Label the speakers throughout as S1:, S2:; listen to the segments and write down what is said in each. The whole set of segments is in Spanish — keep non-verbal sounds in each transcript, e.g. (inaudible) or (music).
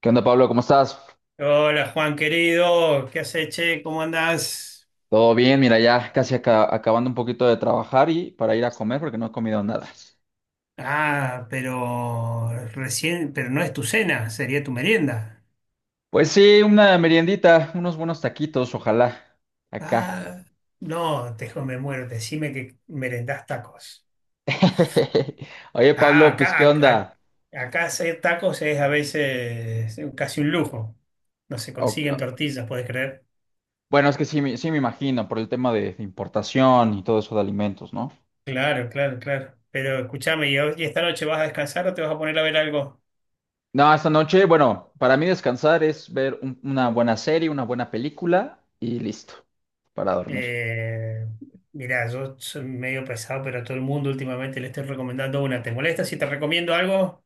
S1: ¿Qué onda, Pablo? ¿Cómo estás?
S2: Hola Juan querido, ¿qué haces, che? ¿Cómo andás?
S1: Todo bien, mira, ya casi acabando un poquito de trabajar y para ir a comer porque no he comido nada.
S2: Ah, pero recién, pero no es tu cena, sería tu merienda.
S1: Pues sí, una meriendita, unos buenos taquitos, ojalá, acá.
S2: Ah, no, me muero, decime que merendás tacos.
S1: (laughs) Oye,
S2: Ah,
S1: Pablo, pues
S2: acá,
S1: ¿qué
S2: acá,
S1: onda?
S2: acá hacer tacos es a veces casi un lujo. No se consiguen
S1: O-
S2: tortillas, ¿podés creer?
S1: Bueno, es que sí, sí me imagino por el tema de importación y todo eso de alimentos, ¿no?
S2: Claro, claro, claro. Pero escúchame, y esta noche vas a descansar o te vas a poner a ver algo?
S1: No, esta noche, bueno, para mí descansar es ver una buena serie, una buena película y listo, para dormir.
S2: Eh, mirá, yo soy medio pesado, pero a todo el mundo últimamente le estoy recomendando una. ¿Te molesta si te recomiendo algo?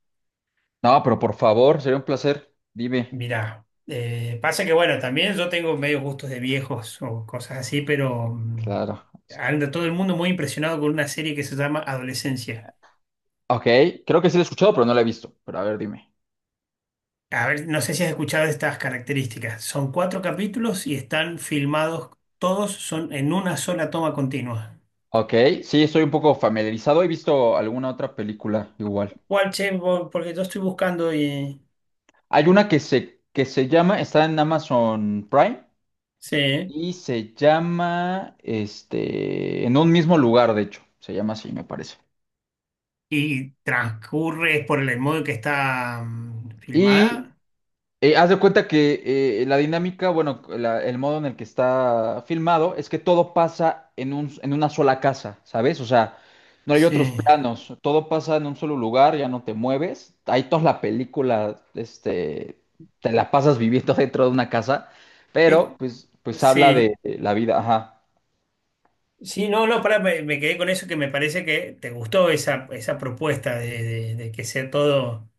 S1: No, pero por favor, sería un placer. Dime.
S2: Mirá, pasa que bueno, también yo tengo medio gustos de viejos o cosas así, pero
S1: Claro.
S2: anda todo el mundo muy impresionado con una serie que se llama Adolescencia.
S1: Ok, creo que sí lo he escuchado, pero no la he visto. Pero a ver, dime.
S2: A ver, no sé si has escuchado estas características. Son 4 capítulos y están filmados, todos son en una sola toma continua.
S1: Ok, sí, estoy un poco familiarizado. He visto alguna otra película igual.
S2: ¿Cuál, che? Porque yo estoy buscando y...
S1: Hay una que se llama, está en Amazon Prime
S2: Sí.
S1: y se llama, este, en un mismo lugar, de hecho. Se llama así, me parece.
S2: Y transcurre por el modo en que está
S1: Y
S2: filmada.
S1: Haz de cuenta que la dinámica, bueno, el modo en el que está filmado es que todo pasa en una sola casa, ¿sabes? O sea, no hay
S2: Sí.
S1: otros planos, todo pasa en un solo lugar, ya no te mueves. Ahí toda la película, este, te la pasas viviendo (laughs) dentro de una casa,
S2: Eh,
S1: pero pues habla
S2: Sí.
S1: de la vida, ajá.
S2: Sí, no, no, pará, me quedé con eso que me parece que te gustó esa propuesta de que sea todo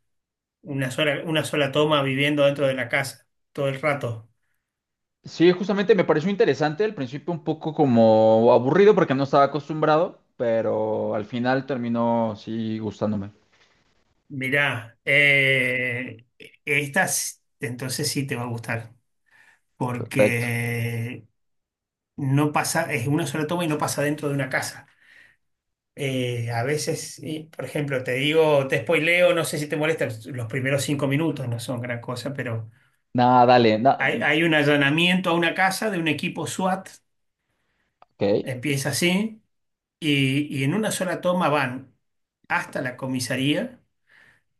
S2: una sola toma viviendo dentro de la casa todo el rato.
S1: Sí, justamente me pareció interesante, al principio un poco como aburrido porque no estaba acostumbrado, pero al final terminó sí gustándome.
S2: Mirá, entonces sí te va a gustar
S1: Perfecto.
S2: porque no pasa, es una sola toma y no pasa dentro de una casa. A veces, y, por ejemplo, te digo, te spoileo, no sé si te molesta, los primeros 5 minutos no son gran cosa, pero
S1: Nada, dale,
S2: hay un allanamiento a una casa de un equipo SWAT.
S1: ok.
S2: Empieza así, y en una sola toma van hasta la comisaría,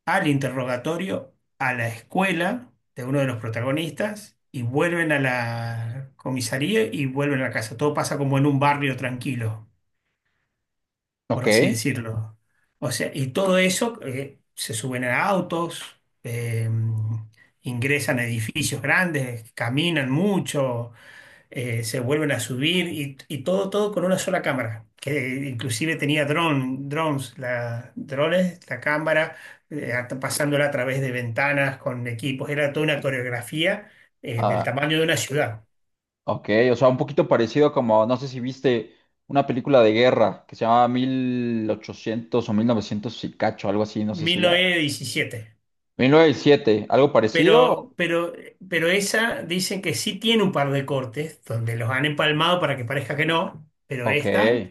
S2: al interrogatorio, a la escuela de uno de los protagonistas, y vuelven a la comisaría y vuelven a la casa. Todo pasa como en un barrio tranquilo, por
S1: Ok.
S2: así decirlo. O sea, y todo eso se suben a autos, eh, ingresan a edificios grandes, caminan mucho, se vuelven a subir y todo con una sola cámara, que inclusive tenía dron, drones, la cámara, pasándola a través de ventanas con equipos. Era toda una coreografía del
S1: Ah,
S2: tamaño de una ciudad.
S1: ok, o sea, un poquito parecido como, no sé si viste una película de guerra que se llama 800 o 1900 y cacho, algo así, no sé si
S2: mil
S1: la...
S2: novecientos diecisiete
S1: 1907, algo parecido,
S2: Pero, pero esa dicen que sí tiene un par de cortes donde los han empalmado para que parezca que no, pero
S1: ok,
S2: esta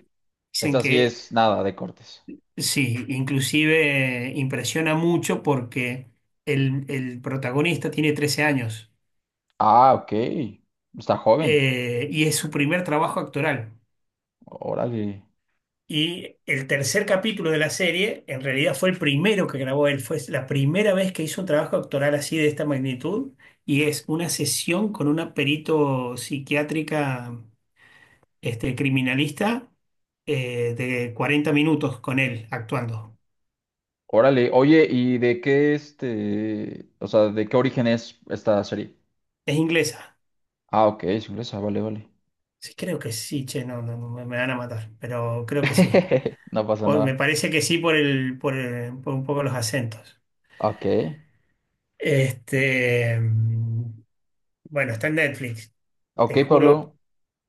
S2: dicen
S1: esta sí
S2: que
S1: es nada de cortes.
S2: sí, inclusive impresiona mucho porque el protagonista tiene 13 años,
S1: Ah, ok, está joven,
S2: y es su primer trabajo actoral.
S1: órale.
S2: Y el tercer capítulo de la serie en realidad fue el primero que grabó él, fue la primera vez que hizo un trabajo actoral así de esta magnitud, y es una sesión con una perito psiquiátrica, este criminalista, de 40 minutos con él actuando.
S1: Órale, oye, ¿y de qué este, o sea, de qué origen es esta serie?
S2: Es inglesa.
S1: Ah, ok, es inglesa, vale, vale,
S2: Sí, creo que sí, che, no, no, no, me van a matar, pero creo que sí.
S1: (laughs) no pasa
S2: Me
S1: nada,
S2: parece que sí por por un poco los acentos.
S1: ok.
S2: Este, bueno, está en Netflix.
S1: Ok,
S2: Te juro
S1: Pablo.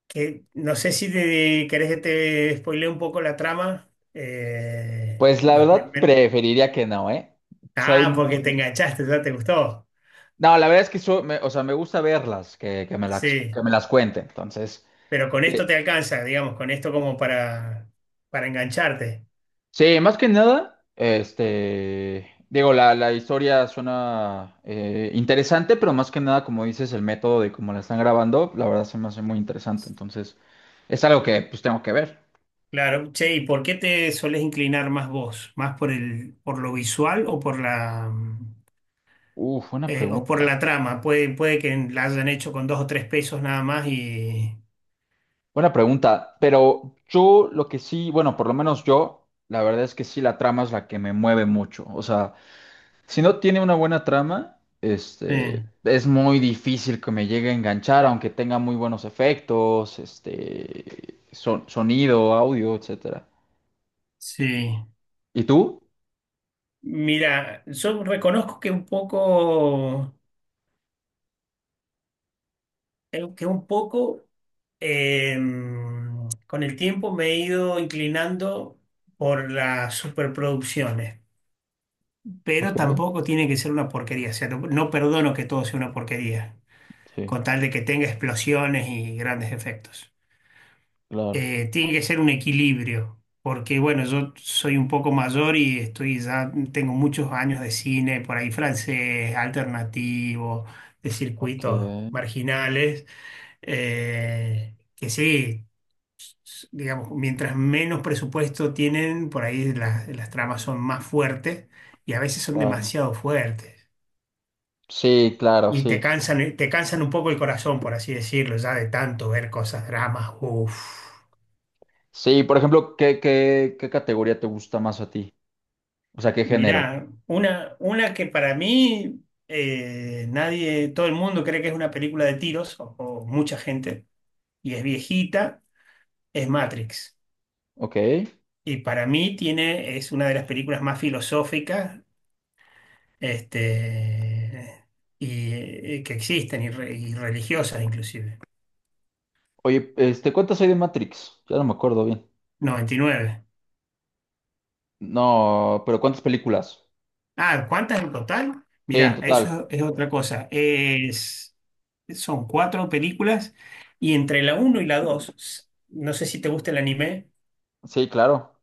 S2: que no sé si querés que te spoilee un poco la trama. eh,
S1: Pues la
S2: los
S1: verdad
S2: primer-
S1: preferiría que no, ¿eh? Soy
S2: Ah, porque te
S1: muy...
S2: enganchaste, ya te gustó.
S1: No, la verdad es que o sea, me gusta verlas, que me las, que
S2: Sí,
S1: me las cuente. Entonces,
S2: pero con
S1: eh,
S2: esto te alcanza, digamos, con esto como para engancharte.
S1: sí, más que nada, este, digo, la historia suena interesante, pero más que nada, como dices, el método de cómo la están grabando, la verdad se me hace muy interesante. Entonces, es algo que pues tengo que ver.
S2: Claro, che, ¿y por qué te solés inclinar más vos? ¿Más por lo visual o
S1: Uf, buena
S2: o por
S1: pregunta.
S2: la trama? Puede que la hayan hecho con 2 o 3 pesos nada más y...
S1: Buena pregunta, pero yo lo que sí, bueno, por lo menos yo, la verdad es que sí, la trama es la que me mueve mucho. O sea, si no tiene una buena trama, este,
S2: eh,
S1: es muy difícil que me llegue a enganchar, aunque tenga muy buenos efectos, este, sonido, audio, etcétera.
S2: sí.
S1: ¿Y tú?
S2: Mira, yo reconozco que un poco eh, con el tiempo me he ido inclinando por las superproducciones,
S1: Ok,
S2: pero tampoco tiene que ser una porquería. O sea, no perdono que todo sea una porquería,
S1: sí,
S2: con tal de que tenga explosiones y grandes efectos.
S1: claro.
S2: Tiene que ser un equilibrio, porque bueno, yo soy un poco mayor y estoy ya, tengo muchos años de cine, por ahí francés, alternativo, de
S1: Ok,
S2: circuitos marginales, que sí. Digamos, mientras menos presupuesto tienen, por ahí las tramas son más fuertes y a veces son
S1: claro.
S2: demasiado fuertes.
S1: Sí, claro,
S2: Y te
S1: sí.
S2: cansan, eh, te cansan un poco el corazón, por así decirlo, ya de tanto ver cosas, dramas. Uf.
S1: Sí, por ejemplo, ¿qué categoría te gusta más a ti? O sea, ¿qué género?
S2: Mirá, una que para mí nadie, todo el mundo cree que es una película de tiros, o mucha gente, y es viejita, es Matrix.
S1: Ok.
S2: Y para mí tiene, es una de las películas más filosóficas, este, y, que existen, y religiosas inclusive.
S1: Oye, este, ¿cuántas hay de Matrix? Ya no me acuerdo bien.
S2: 99.
S1: No, pero ¿cuántas películas?
S2: Ah, ¿cuántas en total?
S1: Sí, en
S2: Mirá,
S1: total.
S2: eso es otra cosa. Son 4 películas, y entre la uno y la 2, no sé si te gusta el anime,
S1: Sí, claro.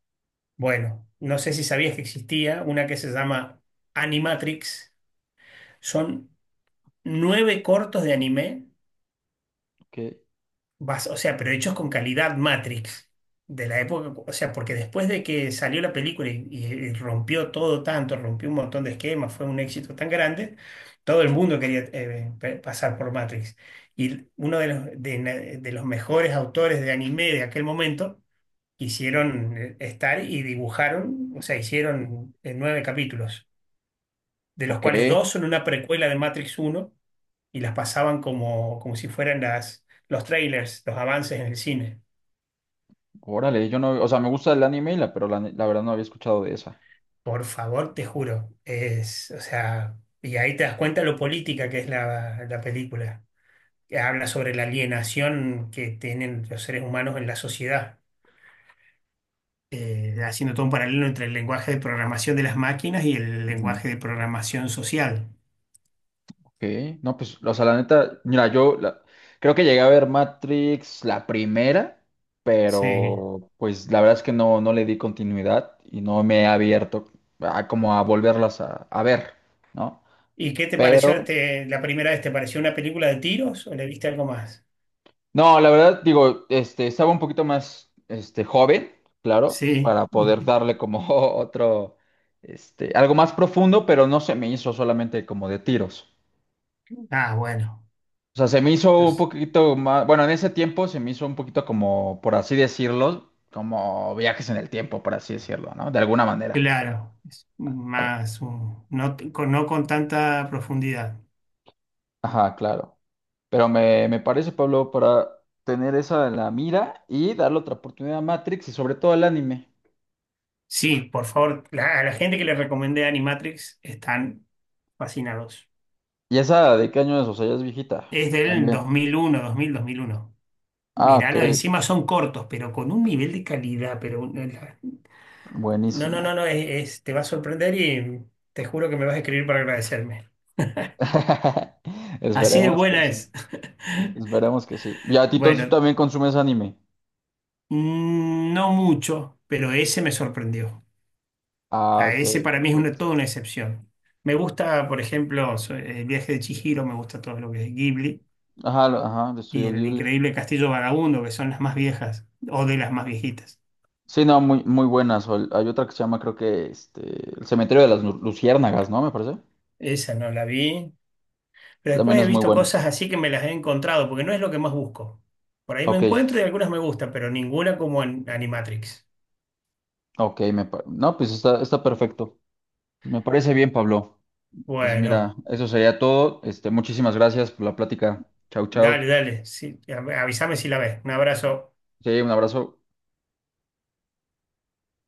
S2: bueno, no sé si sabías que existía una que se llama Animatrix. Son 9 cortos de anime.
S1: Ok.
S2: Vas, o sea, pero hechos con calidad Matrix de la época, o sea, porque después de que salió la película y rompió todo tanto, rompió un montón de esquemas, fue un éxito tan grande, todo el mundo quería pasar por Matrix. Y uno de los mejores autores de anime de aquel momento quisieron estar y dibujaron, o sea, hicieron 9 capítulos, de los
S1: Ok.
S2: cuales dos son una precuela de Matrix uno, y las pasaban como si fueran los trailers, los avances en el cine.
S1: Órale, yo no, o sea, me gusta el anime, y la, pero la, ne- la verdad no había escuchado de esa.
S2: Por favor, te juro. Es, o sea, y ahí te das cuenta lo política que es la película, que habla sobre la alienación que tienen los seres humanos en la sociedad, haciendo todo un paralelo entre el lenguaje de programación de las máquinas y el
S1: Ujú.
S2: lenguaje de programación social.
S1: Ok. No, pues, o sea, la neta, mira, creo que llegué a ver Matrix la primera,
S2: Sí.
S1: pero pues la verdad es que no le di continuidad y no me he abierto a como a volverlas a ver, ¿no?
S2: ¿Y qué te pareció
S1: Pero
S2: la primera vez? ¿Te pareció una película de tiros o le viste algo más?
S1: no, la verdad, digo, este, estaba un poquito más, este, joven, claro,
S2: Sí.
S1: para poder
S2: (laughs)
S1: darle como (laughs) otro, este, algo más profundo, pero no se me hizo solamente como de tiros.
S2: Ah, bueno.
S1: O sea, se me hizo un
S2: Entonces,
S1: poquito más, bueno, en ese tiempo se me hizo un poquito como, por así decirlo, como viajes en el tiempo, por así decirlo, ¿no? De alguna manera.
S2: claro, es
S1: Al-
S2: más no, no con tanta profundidad.
S1: Ajá, claro. Pero me parece, Pablo, para tener esa en la mira y darle otra oportunidad a Matrix y sobre todo al anime.
S2: Sí, por favor, a la gente que le recomendé Animatrix están fascinados.
S1: ¿Y esa de qué año es? O sea, ya es viejita.
S2: Es del
S1: También.
S2: dos mil uno.
S1: Ah, ok.
S2: Mirá, encima son cortos, pero con un nivel de calidad. Pero no, no,
S1: Buenísimo.
S2: no, no, te va a sorprender y te juro que me vas a escribir para agradecerme.
S1: (laughs)
S2: Así de
S1: Esperemos que
S2: buena
S1: sí.
S2: es. (laughs)
S1: Esperemos que sí. ¿Y a ti entonces tú
S2: Bueno,
S1: también consumes anime?
S2: no mucho, pero ese me sorprendió.
S1: Ah,
S2: A
S1: ok,
S2: ese para mí es una,
S1: perfecto.
S2: toda una excepción. Me gusta, por ejemplo, El viaje de Chihiro, me gusta todo lo que es Ghibli.
S1: Ajá, ajá, de
S2: Y
S1: Estudio
S2: el
S1: Ghibli.
S2: increíble Castillo Vagabundo, que son las más viejas o de las más viejitas.
S1: Sí, no, muy, muy buenas. O hay otra que se llama, creo que, este, El Cementerio de las Luciérnagas, ¿no? Me parece.
S2: Esa no la vi. Pero
S1: También
S2: después he
S1: es muy
S2: visto
S1: buena.
S2: cosas así que me las he encontrado, porque no es lo que más busco. Por ahí me
S1: Ok,
S2: encuentro y algunas me gustan, pero ninguna como en Animatrix.
S1: ok, no, pues está, perfecto. Pues me parece bien, Pablo. Pues mira,
S2: Bueno,
S1: eso sería todo. Este, muchísimas gracias por la plática. Chau,
S2: dale,
S1: chau.
S2: dale. Sí, avísame si la ves. Un abrazo.
S1: Sí, un abrazo.